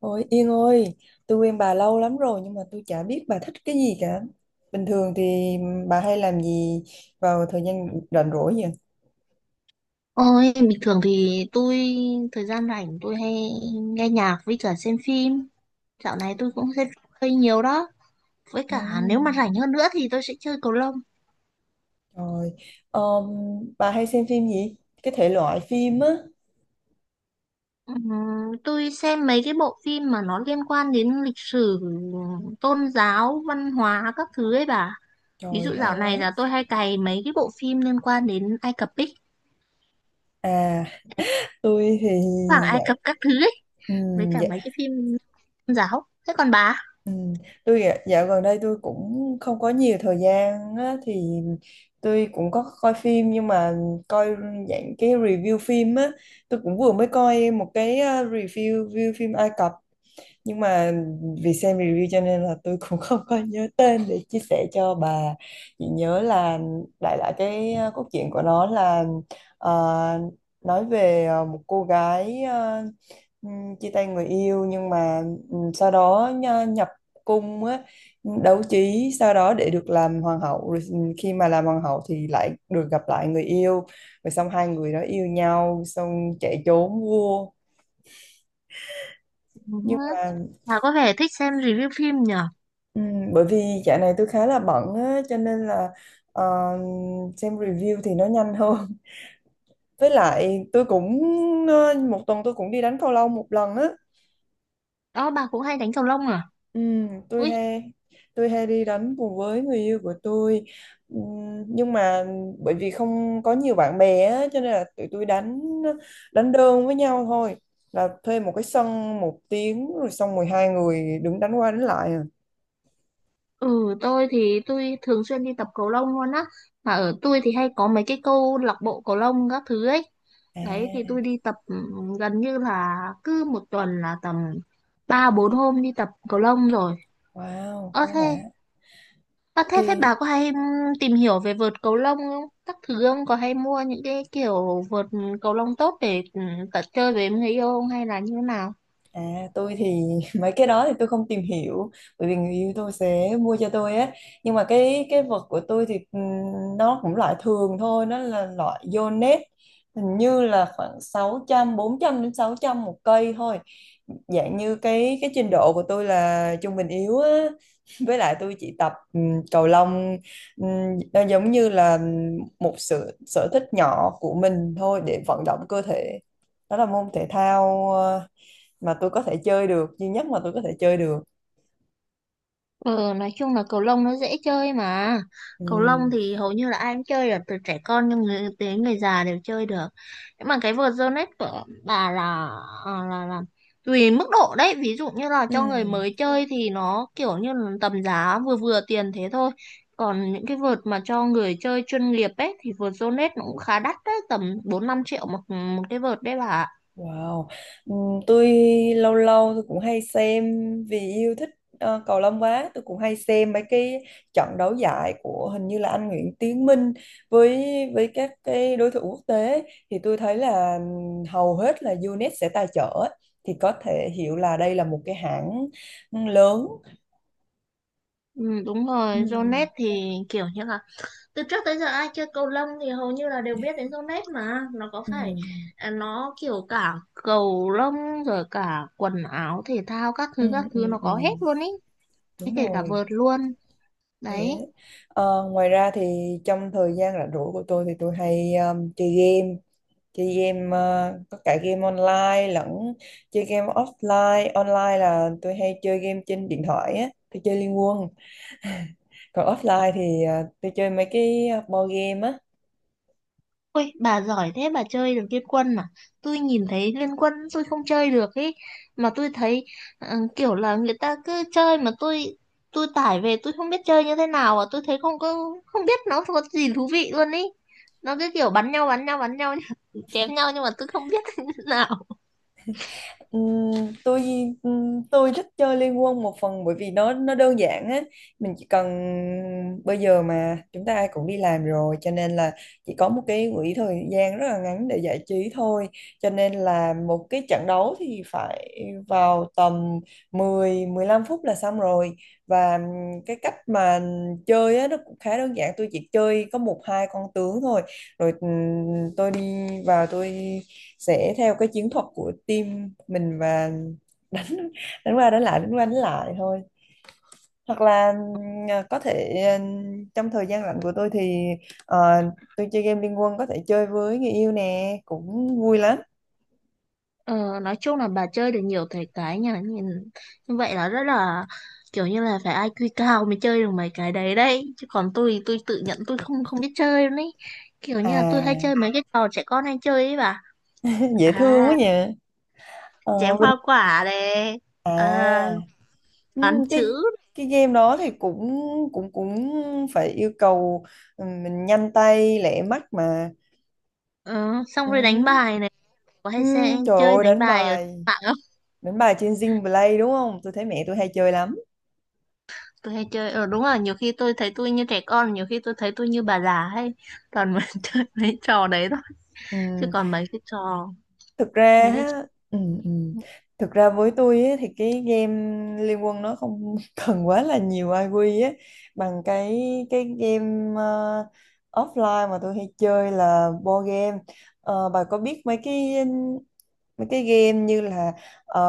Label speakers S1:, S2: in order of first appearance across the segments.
S1: Ôi Yên ơi, tôi quen bà lâu lắm rồi nhưng mà tôi chả biết bà thích cái gì cả. Bình thường thì bà hay làm gì vào thời gian rảnh rỗi vậy?
S2: Ôi, bình thường thì thời gian rảnh tôi hay nghe nhạc với cả xem phim. Dạo này tôi cũng xem phim hơi nhiều đó. Với cả nếu mà
S1: Ừ,
S2: rảnh hơn nữa thì tôi sẽ chơi cầu lông.
S1: trời. Ờm, bà hay xem phim gì? Cái thể loại phim á.
S2: Ừm, tôi xem mấy cái bộ phim mà nó liên quan đến lịch sử, tôn giáo, văn hóa các thứ ấy bà. Ví dụ
S1: Trời, hay
S2: dạo
S1: quá.
S2: này là tôi hay cày mấy cái bộ phim liên quan đến Ai Cập ấy,
S1: À, tôi thì
S2: Hoàng Ai Cập các thứ ấy, với cả
S1: dạ,
S2: mấy cái phim tôn giáo. Thế còn bà?
S1: tôi dạ dạo gần đây tôi cũng không có nhiều thời gian á, thì tôi cũng có coi phim nhưng mà coi dạng cái review phim á. Tôi cũng vừa mới coi một cái ờ, review review phim Ai Cập, nhưng mà vì xem review cho nên là tôi cũng không có nhớ tên để chia sẻ cho bà, chỉ nhớ là đại loại cái cốt truyện của nó là, ờ, nói về, một cô gái, chia tay người yêu, nhưng mà sau đó nhập cung á, đấu trí sau đó để được làm hoàng hậu, rồi khi mà làm hoàng hậu thì lại được gặp lại người yêu, rồi xong hai người đó yêu nhau xong chạy trốn vua
S2: Ừm,
S1: nhưng mà.
S2: Bà có vẻ thích xem review phim nhở?
S1: Ừ, bởi vì dạo này tôi khá là bận á, cho nên là ờ, xem review thì nó nhanh hơn. Với lại tôi cũng, một tuần tôi cũng đi đánh cầu lông một lần á.
S2: Đó, bà cũng hay đánh cầu lông à?
S1: Ừ, tôi
S2: Ui,
S1: hay tôi hay đi đánh cùng với người yêu của tôi. Ừ, nhưng mà bởi vì không có nhiều bạn bè á, cho nên là tụi tôi đánh đánh đơn với nhau thôi. Là thuê một cái sân một tiếng rồi xong 12 người đứng đánh qua đánh lại à.
S2: ừ, tôi thì tôi thường xuyên đi tập cầu lông luôn á, mà ở tôi thì hay có mấy cái câu lạc bộ cầu lông các thứ ấy. Đấy thì
S1: À,
S2: tôi đi tập, gần như là cứ một tuần là tầm ba bốn hôm đi tập cầu lông rồi.
S1: wow,
S2: ơ
S1: quá
S2: thế
S1: đã
S2: ơ thế thế
S1: thì.
S2: bà có hay tìm hiểu về vợt cầu lông không các thứ, không có hay mua những cái kiểu vợt cầu lông tốt để tập chơi với người yêu không, hay là như thế nào?
S1: À, tôi thì mấy cái đó thì tôi không tìm hiểu, bởi vì người yêu tôi sẽ mua cho tôi á, nhưng mà cái vật của tôi thì nó cũng loại thường thôi, nó là loại Yonex, hình như là khoảng sáu trăm, bốn trăm đến 600 một cây thôi, dạng như cái trình độ của tôi là trung bình yếu á. Với lại tôi chỉ tập cầu lông, nó giống như là một sự sở thích nhỏ của mình thôi, để vận động cơ thể. Đó là môn thể thao mà tôi có thể chơi được duy nhất mà tôi có thể chơi được.
S2: Ừ, nói chung là cầu lông nó dễ chơi mà.
S1: Ừ.
S2: Cầu lông thì hầu như là ai cũng chơi được, từ trẻ con nhưng người, đến người già đều chơi được. Nhưng mà cái vợt Zonet của bà là, à, là là tùy mức độ đấy. Ví dụ như là
S1: Ừ.
S2: cho người mới chơi thì nó kiểu như là tầm giá vừa vừa tiền thế thôi. Còn những cái vợt mà cho người chơi chuyên nghiệp ấy thì vợt Zonet nó cũng khá đắt đấy, tầm bốn năm triệu một một cái vợt đấy bà ạ.
S1: Wow, ừ. Tôi lâu lâu tôi cũng hay xem, vì yêu thích cầu lông quá, tôi cũng hay xem mấy cái trận đấu giải của hình như là anh Nguyễn Tiến Minh với, các cái đối thủ quốc tế, thì tôi thấy là hầu hết là UNET sẽ tài trợ ấy. Thì có thể hiểu là đây là một cái hãng lớn.
S2: Ừ, đúng
S1: Ừ.
S2: rồi, Zonet thì kiểu như là từ trước tới giờ ai chơi cầu lông thì hầu như là đều biết đến Zonet, mà nó có
S1: Ừ.
S2: phải, à, nó kiểu cả cầu lông rồi cả quần áo thể thao
S1: Ừ.
S2: các
S1: Ừ.
S2: thứ nó
S1: Ừ. Ừ,
S2: có hết luôn ý, thế
S1: đúng
S2: kể cả
S1: rồi.
S2: vợt luôn
S1: Thế.
S2: đấy.
S1: Ờ, ngoài ra thì trong thời gian rảnh rỗi của tôi thì tôi hay chơi game, có cả game online lẫn chơi game offline. Online là tôi hay chơi game trên điện thoại á, tôi chơi Liên Quân. Còn offline thì tôi chơi mấy cái board game á.
S2: Ôi, bà giỏi thế bà chơi được Liên Quân à? Tôi nhìn thấy Liên Quân tôi không chơi được ấy. Mà tôi thấy kiểu là người ta cứ chơi mà tôi tải về tôi không biết chơi như thế nào à. Tôi thấy không có, không biết nó có gì thú vị luôn ấy. Nó cứ kiểu bắn nhau bắn nhau bắn nhau chém nhau nhưng mà tôi không biết thế nào.
S1: Ừm, tôi tôi thích chơi Liên Quân một phần bởi vì nó đơn giản á. Mình chỉ cần, bây giờ mà chúng ta ai cũng đi làm rồi cho nên là chỉ có một cái quỹ thời gian rất là ngắn để giải trí thôi, cho nên là một cái trận đấu thì phải vào tầm 10 15 phút là xong rồi. Và ừ, cái cách mà chơi á nó cũng khá đơn giản, tôi chỉ chơi có một hai con tướng thôi, rồi tôi đi vào, tôi sẽ theo cái chiến thuật của team mình và đánh, đánh qua đánh lại đánh qua đánh lại thôi. Hoặc là có thể trong thời gian rảnh của tôi thì ờ, tôi chơi game Liên Quân, có thể chơi với người yêu nè, cũng vui lắm.
S2: Ờ, nói chung là bà chơi được nhiều thể cái nha, nhìn như vậy là rất là kiểu như là phải IQ cao mới chơi được mấy cái đấy đấy, chứ còn tôi tự nhận tôi không không biết chơi luôn ấy, kiểu như là tôi hay
S1: À,
S2: chơi mấy cái trò trẻ con hay chơi ấy bà.
S1: dễ
S2: À,
S1: thương quá nhỉ. Ờ,
S2: chém
S1: bên
S2: hoa quả này, à,
S1: à
S2: toán chữ,
S1: cái game đó thì cũng cũng cũng phải yêu cầu mình nhanh tay lẹ mắt mà.
S2: ờ, xong rồi đánh
S1: Ừm.
S2: bài này, có hay sẽ
S1: Trời
S2: chơi
S1: ơi,
S2: đánh
S1: đánh
S2: bài ở trên
S1: bài.
S2: mạng không?
S1: Đúng bài trên Zing Play đúng không? Tôi thấy mẹ tôi hay chơi lắm.
S2: Tôi hay chơi, đúng là nhiều khi tôi thấy tôi như trẻ con, nhiều khi tôi thấy tôi như bà già hay toàn mà chơi mấy trò đấy thôi, chứ
S1: Ừm,
S2: còn mấy cái trò,
S1: thực ra
S2: mấy cái...
S1: ha, ừm, ừm. Thực ra với tôi á, thì cái game Liên Quân nó không cần quá là nhiều IQ á, bằng cái cái game ờ, offline mà tôi hay chơi là board game. Ờ, bà có biết mấy cái game như là ờ,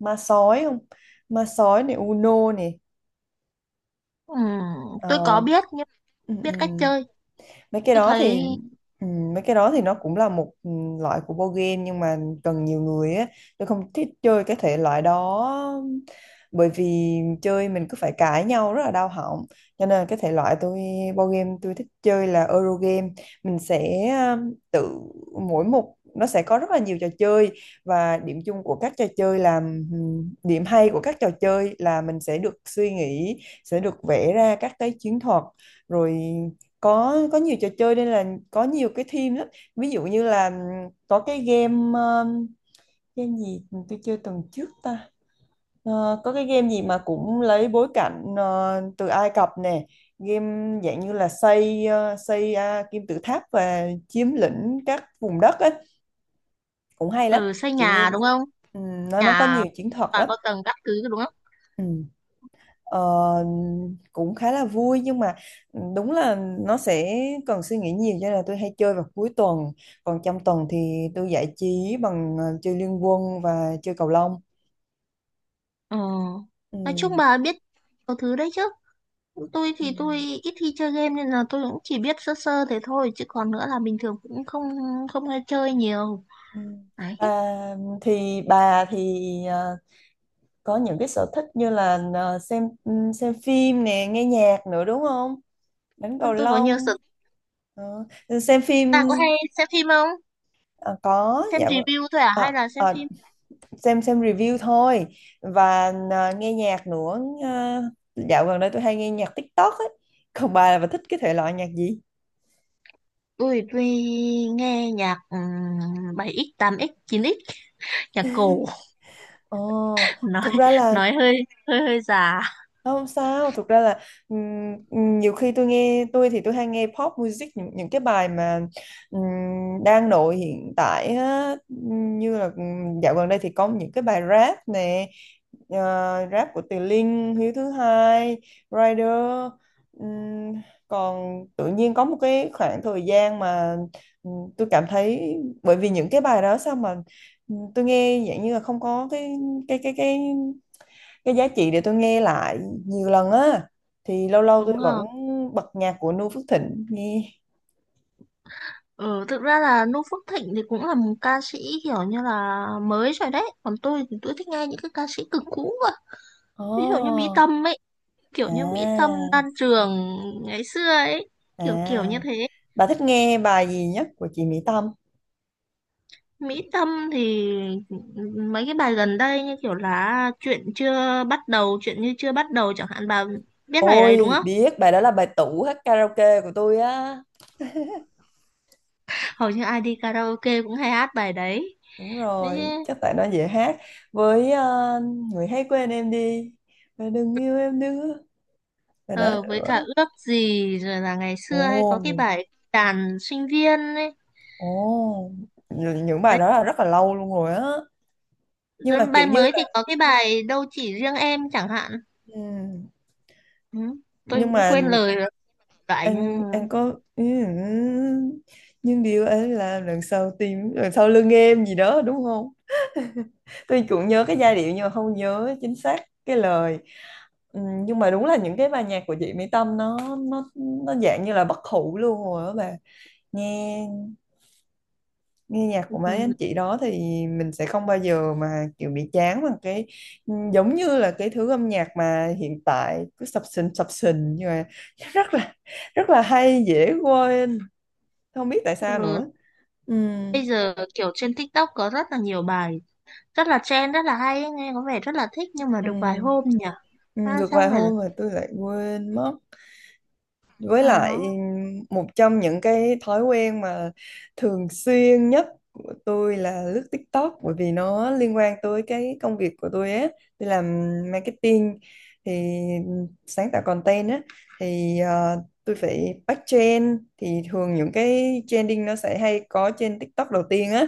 S1: ma sói không? Ma sói này, Uno này.
S2: Ừ, tôi có
S1: Ờ,
S2: biết nhưng
S1: ừ, ừ,
S2: biết cách chơi.
S1: mấy cái
S2: Tôi
S1: đó thì,
S2: thấy,
S1: ừ, mấy cái đó thì nó cũng là một, ừ, loại của board game nhưng mà cần nhiều người á. Tôi không thích chơi cái thể loại đó, bởi vì chơi mình cứ phải cãi nhau rất là đau họng. Cho nên cái thể loại tôi, board game tôi thích chơi là Eurogame. Mình sẽ tự, mỗi một nó sẽ có rất là nhiều trò chơi, và điểm chung của các trò chơi là, điểm hay của các trò chơi là mình sẽ được suy nghĩ, sẽ được vẽ ra các cái chiến thuật. Rồi có nhiều trò chơi nên là có nhiều cái theme lắm. Ví dụ như là có cái game, game gì tôi chơi tuần trước ta? Ờ, có cái game gì mà cũng lấy bối cảnh từ Ai Cập nè, game dạng như là xây ờ, xây à, kim tự tháp và chiếm lĩnh các vùng đất ấy, cũng hay lắm.
S2: ừ, xây
S1: Kiểu như
S2: nhà đúng không?
S1: nó có
S2: Nhà
S1: nhiều chiến thuật
S2: và
S1: lắm.
S2: có tầng các thứ đúng không?
S1: Ừ. Ờ, cũng khá là vui nhưng mà, ừ, đúng là nó sẽ cần suy nghĩ nhiều, cho nên là tôi hay chơi vào cuối tuần. Còn trong tuần thì tôi giải trí bằng chơi liên quân và chơi cầu lông.
S2: Ừ.
S1: Ừ.
S2: Nói chung bà biết nhiều thứ đấy chứ. Tôi
S1: Ừ.
S2: thì tôi ít khi chơi game nên là tôi cũng chỉ biết sơ sơ thế thôi, chứ còn nữa là bình thường cũng không không hay chơi nhiều.
S1: Ừ.
S2: Đấy.
S1: À, thì bà thì ờ, có những cái sở thích như là xem phim nè, nghe nhạc nữa đúng không, đánh cầu
S2: Nên tôi có nhiều sở
S1: lông.
S2: thích.
S1: Ờ, xem phim.
S2: Bà có hay xem phim không?
S1: Ờ, có,
S2: Xem
S1: dạ v-,
S2: review thôi à
S1: ờ,
S2: hay là xem
S1: ờ,
S2: phim?
S1: xem review thôi. Và à, nghe nhạc nữa. À, dạo gần đây tôi hay nghe nhạc TikTok ấy. Còn bà là bà thích cái thể loại nhạc gì?
S2: Tôi nghe nhạc 7x, 8x, 9x, nhạc cổ.
S1: Ồ,
S2: nói
S1: thực ra là.
S2: nói hơi hơi hơi già
S1: Không sao, thực ra là ừm, nhiều khi tôi hay nghe pop music, những cái bài mà ừm, đang nổi hiện tại á. Như là dạo gần đây thì có những cái bài rap nè, ờ, rap của Từ Linh, Hiếu thứ hai, Rider. Ừm, còn tự nhiên có một cái khoảng thời gian mà tôi cảm thấy, bởi vì những cái bài đó sao mà tôi nghe dạng như là không có cái cái cái cái giá trị để tôi nghe lại nhiều lần á. Thì lâu lâu tôi
S2: đúng không?
S1: vẫn bật nhạc của Noo Phước Thịnh nghe.
S2: Ừ, thực ra là Nu Phước Thịnh thì cũng là một ca sĩ kiểu như là mới rồi đấy, còn tôi thì tôi thích nghe những cái ca sĩ cực cũ cơ, ví dụ như Mỹ
S1: Ồ.
S2: Tâm ấy, kiểu
S1: À.
S2: như Mỹ Tâm, Lan Trường ngày xưa ấy, kiểu kiểu như
S1: À,
S2: thế.
S1: bà thích nghe bài gì nhất của chị Mỹ Tâm?
S2: Mỹ Tâm thì mấy cái bài gần đây như kiểu là chuyện như chưa bắt đầu chẳng hạn, bà biết bài đấy đúng
S1: Ôi,
S2: không?
S1: biết bài đó là bài tủ hát karaoke của tôi á.
S2: Hầu như ai đi karaoke cũng hay hát bài đấy.
S1: Đúng
S2: Đấy,
S1: rồi, chắc tại nó dễ hát. Với người hãy quên em đi và đừng yêu em nữa, bài đó
S2: Ờ, với
S1: nữa.
S2: cả ước gì, rồi là ngày
S1: Ồ.
S2: xưa hay có cái bài đàn sinh viên ấy.
S1: Ồ, những bài đó là rất là lâu luôn rồi á, nhưng
S2: Rồi
S1: mà kiểu
S2: bài
S1: như
S2: mới
S1: là,
S2: thì có cái bài đâu chỉ riêng em chẳng hạn.
S1: ừ,
S2: Ừ, tôi
S1: nhưng
S2: cũng
S1: mà
S2: quên lời rồi lại nhưng.
S1: anh có, ừ, ừ, nhưng điều anh làm đằng sau tim, đằng sau lưng em gì đó đúng không. Tôi cũng nhớ cái giai điệu nhưng mà không nhớ chính xác cái lời. Ừ, nhưng mà đúng là những cái bài nhạc của chị Mỹ Tâm nó dạng như là bất hủ luôn rồi đó bà. Nghe Nghe nhạc của mấy anh chị đó thì mình sẽ không bao giờ mà kiểu bị chán, bằng cái, ừ, giống như là cái thứ âm nhạc mà hiện tại cứ sập sình nhưng mà rất là, rất là hay dễ quên, không biết tại sao
S2: ừ,
S1: nữa. Ừ,
S2: Bây giờ kiểu trên TikTok có rất là nhiều bài rất là trend rất là hay ấy, nghe có vẻ rất là thích nhưng mà
S1: ừ,
S2: được vài hôm nhỉ.
S1: ừ,
S2: À,
S1: được vài
S2: xong rồi là,
S1: hôm mà tôi lại quên mất. Với
S2: à
S1: lại
S2: nó.
S1: một trong những cái thói quen mà thường xuyên nhất của tôi là lướt TikTok, bởi vì nó liên quan tới cái công việc của tôi á. Tôi làm marketing, thì sáng tạo content á, thì tôi phải bắt trend, thì thường những cái trending nó sẽ hay có trên TikTok đầu tiên á.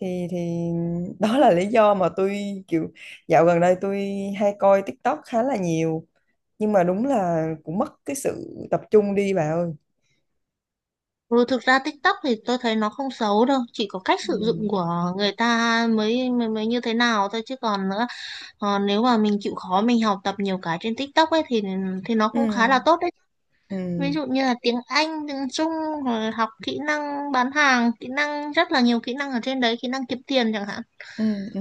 S1: Thì đó là lý do mà tôi kiểu dạo gần đây tôi hay coi TikTok khá là nhiều, nhưng mà đúng là cũng mất cái sự tập trung đi bà ơi.
S2: Ừ, thực ra TikTok thì tôi thấy nó không xấu đâu, chỉ có cách sử dụng
S1: Ừ,
S2: của người ta mới mới, mới như thế nào thôi, chứ còn nữa. Còn nếu mà mình chịu khó mình học tập nhiều cái trên TikTok ấy thì nó
S1: ừ,
S2: cũng khá là tốt đấy. Ví
S1: ừ,
S2: dụ như là tiếng Anh, tiếng Trung, rồi học kỹ năng bán hàng, kỹ năng, rất là nhiều kỹ năng ở trên đấy, kỹ năng kiếm tiền chẳng hạn.
S1: ừ, ừ,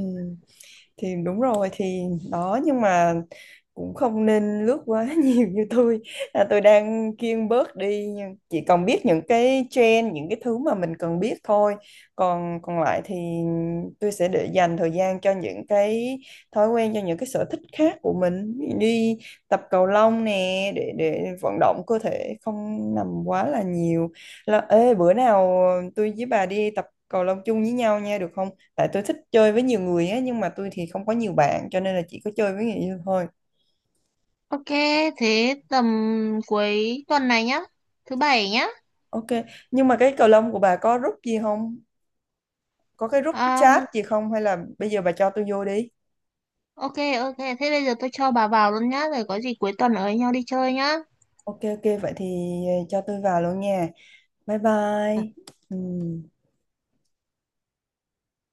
S1: thì đúng rồi, thì đó, nhưng mà cũng không nên lướt quá nhiều như tôi. À, tôi đang kiêng bớt đi, nhưng chỉ còn biết những cái trend, những cái thứ mà mình cần biết thôi. Còn còn lại thì tôi sẽ để dành thời gian cho những cái thói quen, cho những cái sở thích khác của mình. Đi tập cầu lông nè, để vận động cơ thể, không nằm quá là nhiều. Là, ê, bữa nào tôi với bà đi tập cầu lông chung với nhau nha, được không? Tại tôi thích chơi với nhiều người á, nhưng mà tôi thì không có nhiều bạn, cho nên là chỉ có chơi với người yêu thôi.
S2: Ok, thế tầm cuối tuần này nhá, thứ bảy nhá.
S1: OK, nhưng mà cái cầu lông của bà có group gì không, có cái group chat
S2: Um,
S1: gì không, hay là bây giờ bà cho tôi vô đi.
S2: ok, ok, thế bây giờ tôi cho bà vào luôn nhá, rồi có gì cuối tuần ở với nhau đi chơi nhá.
S1: OK, OK, vậy thì cho tôi vào luôn nha. Bye bye. Ừ.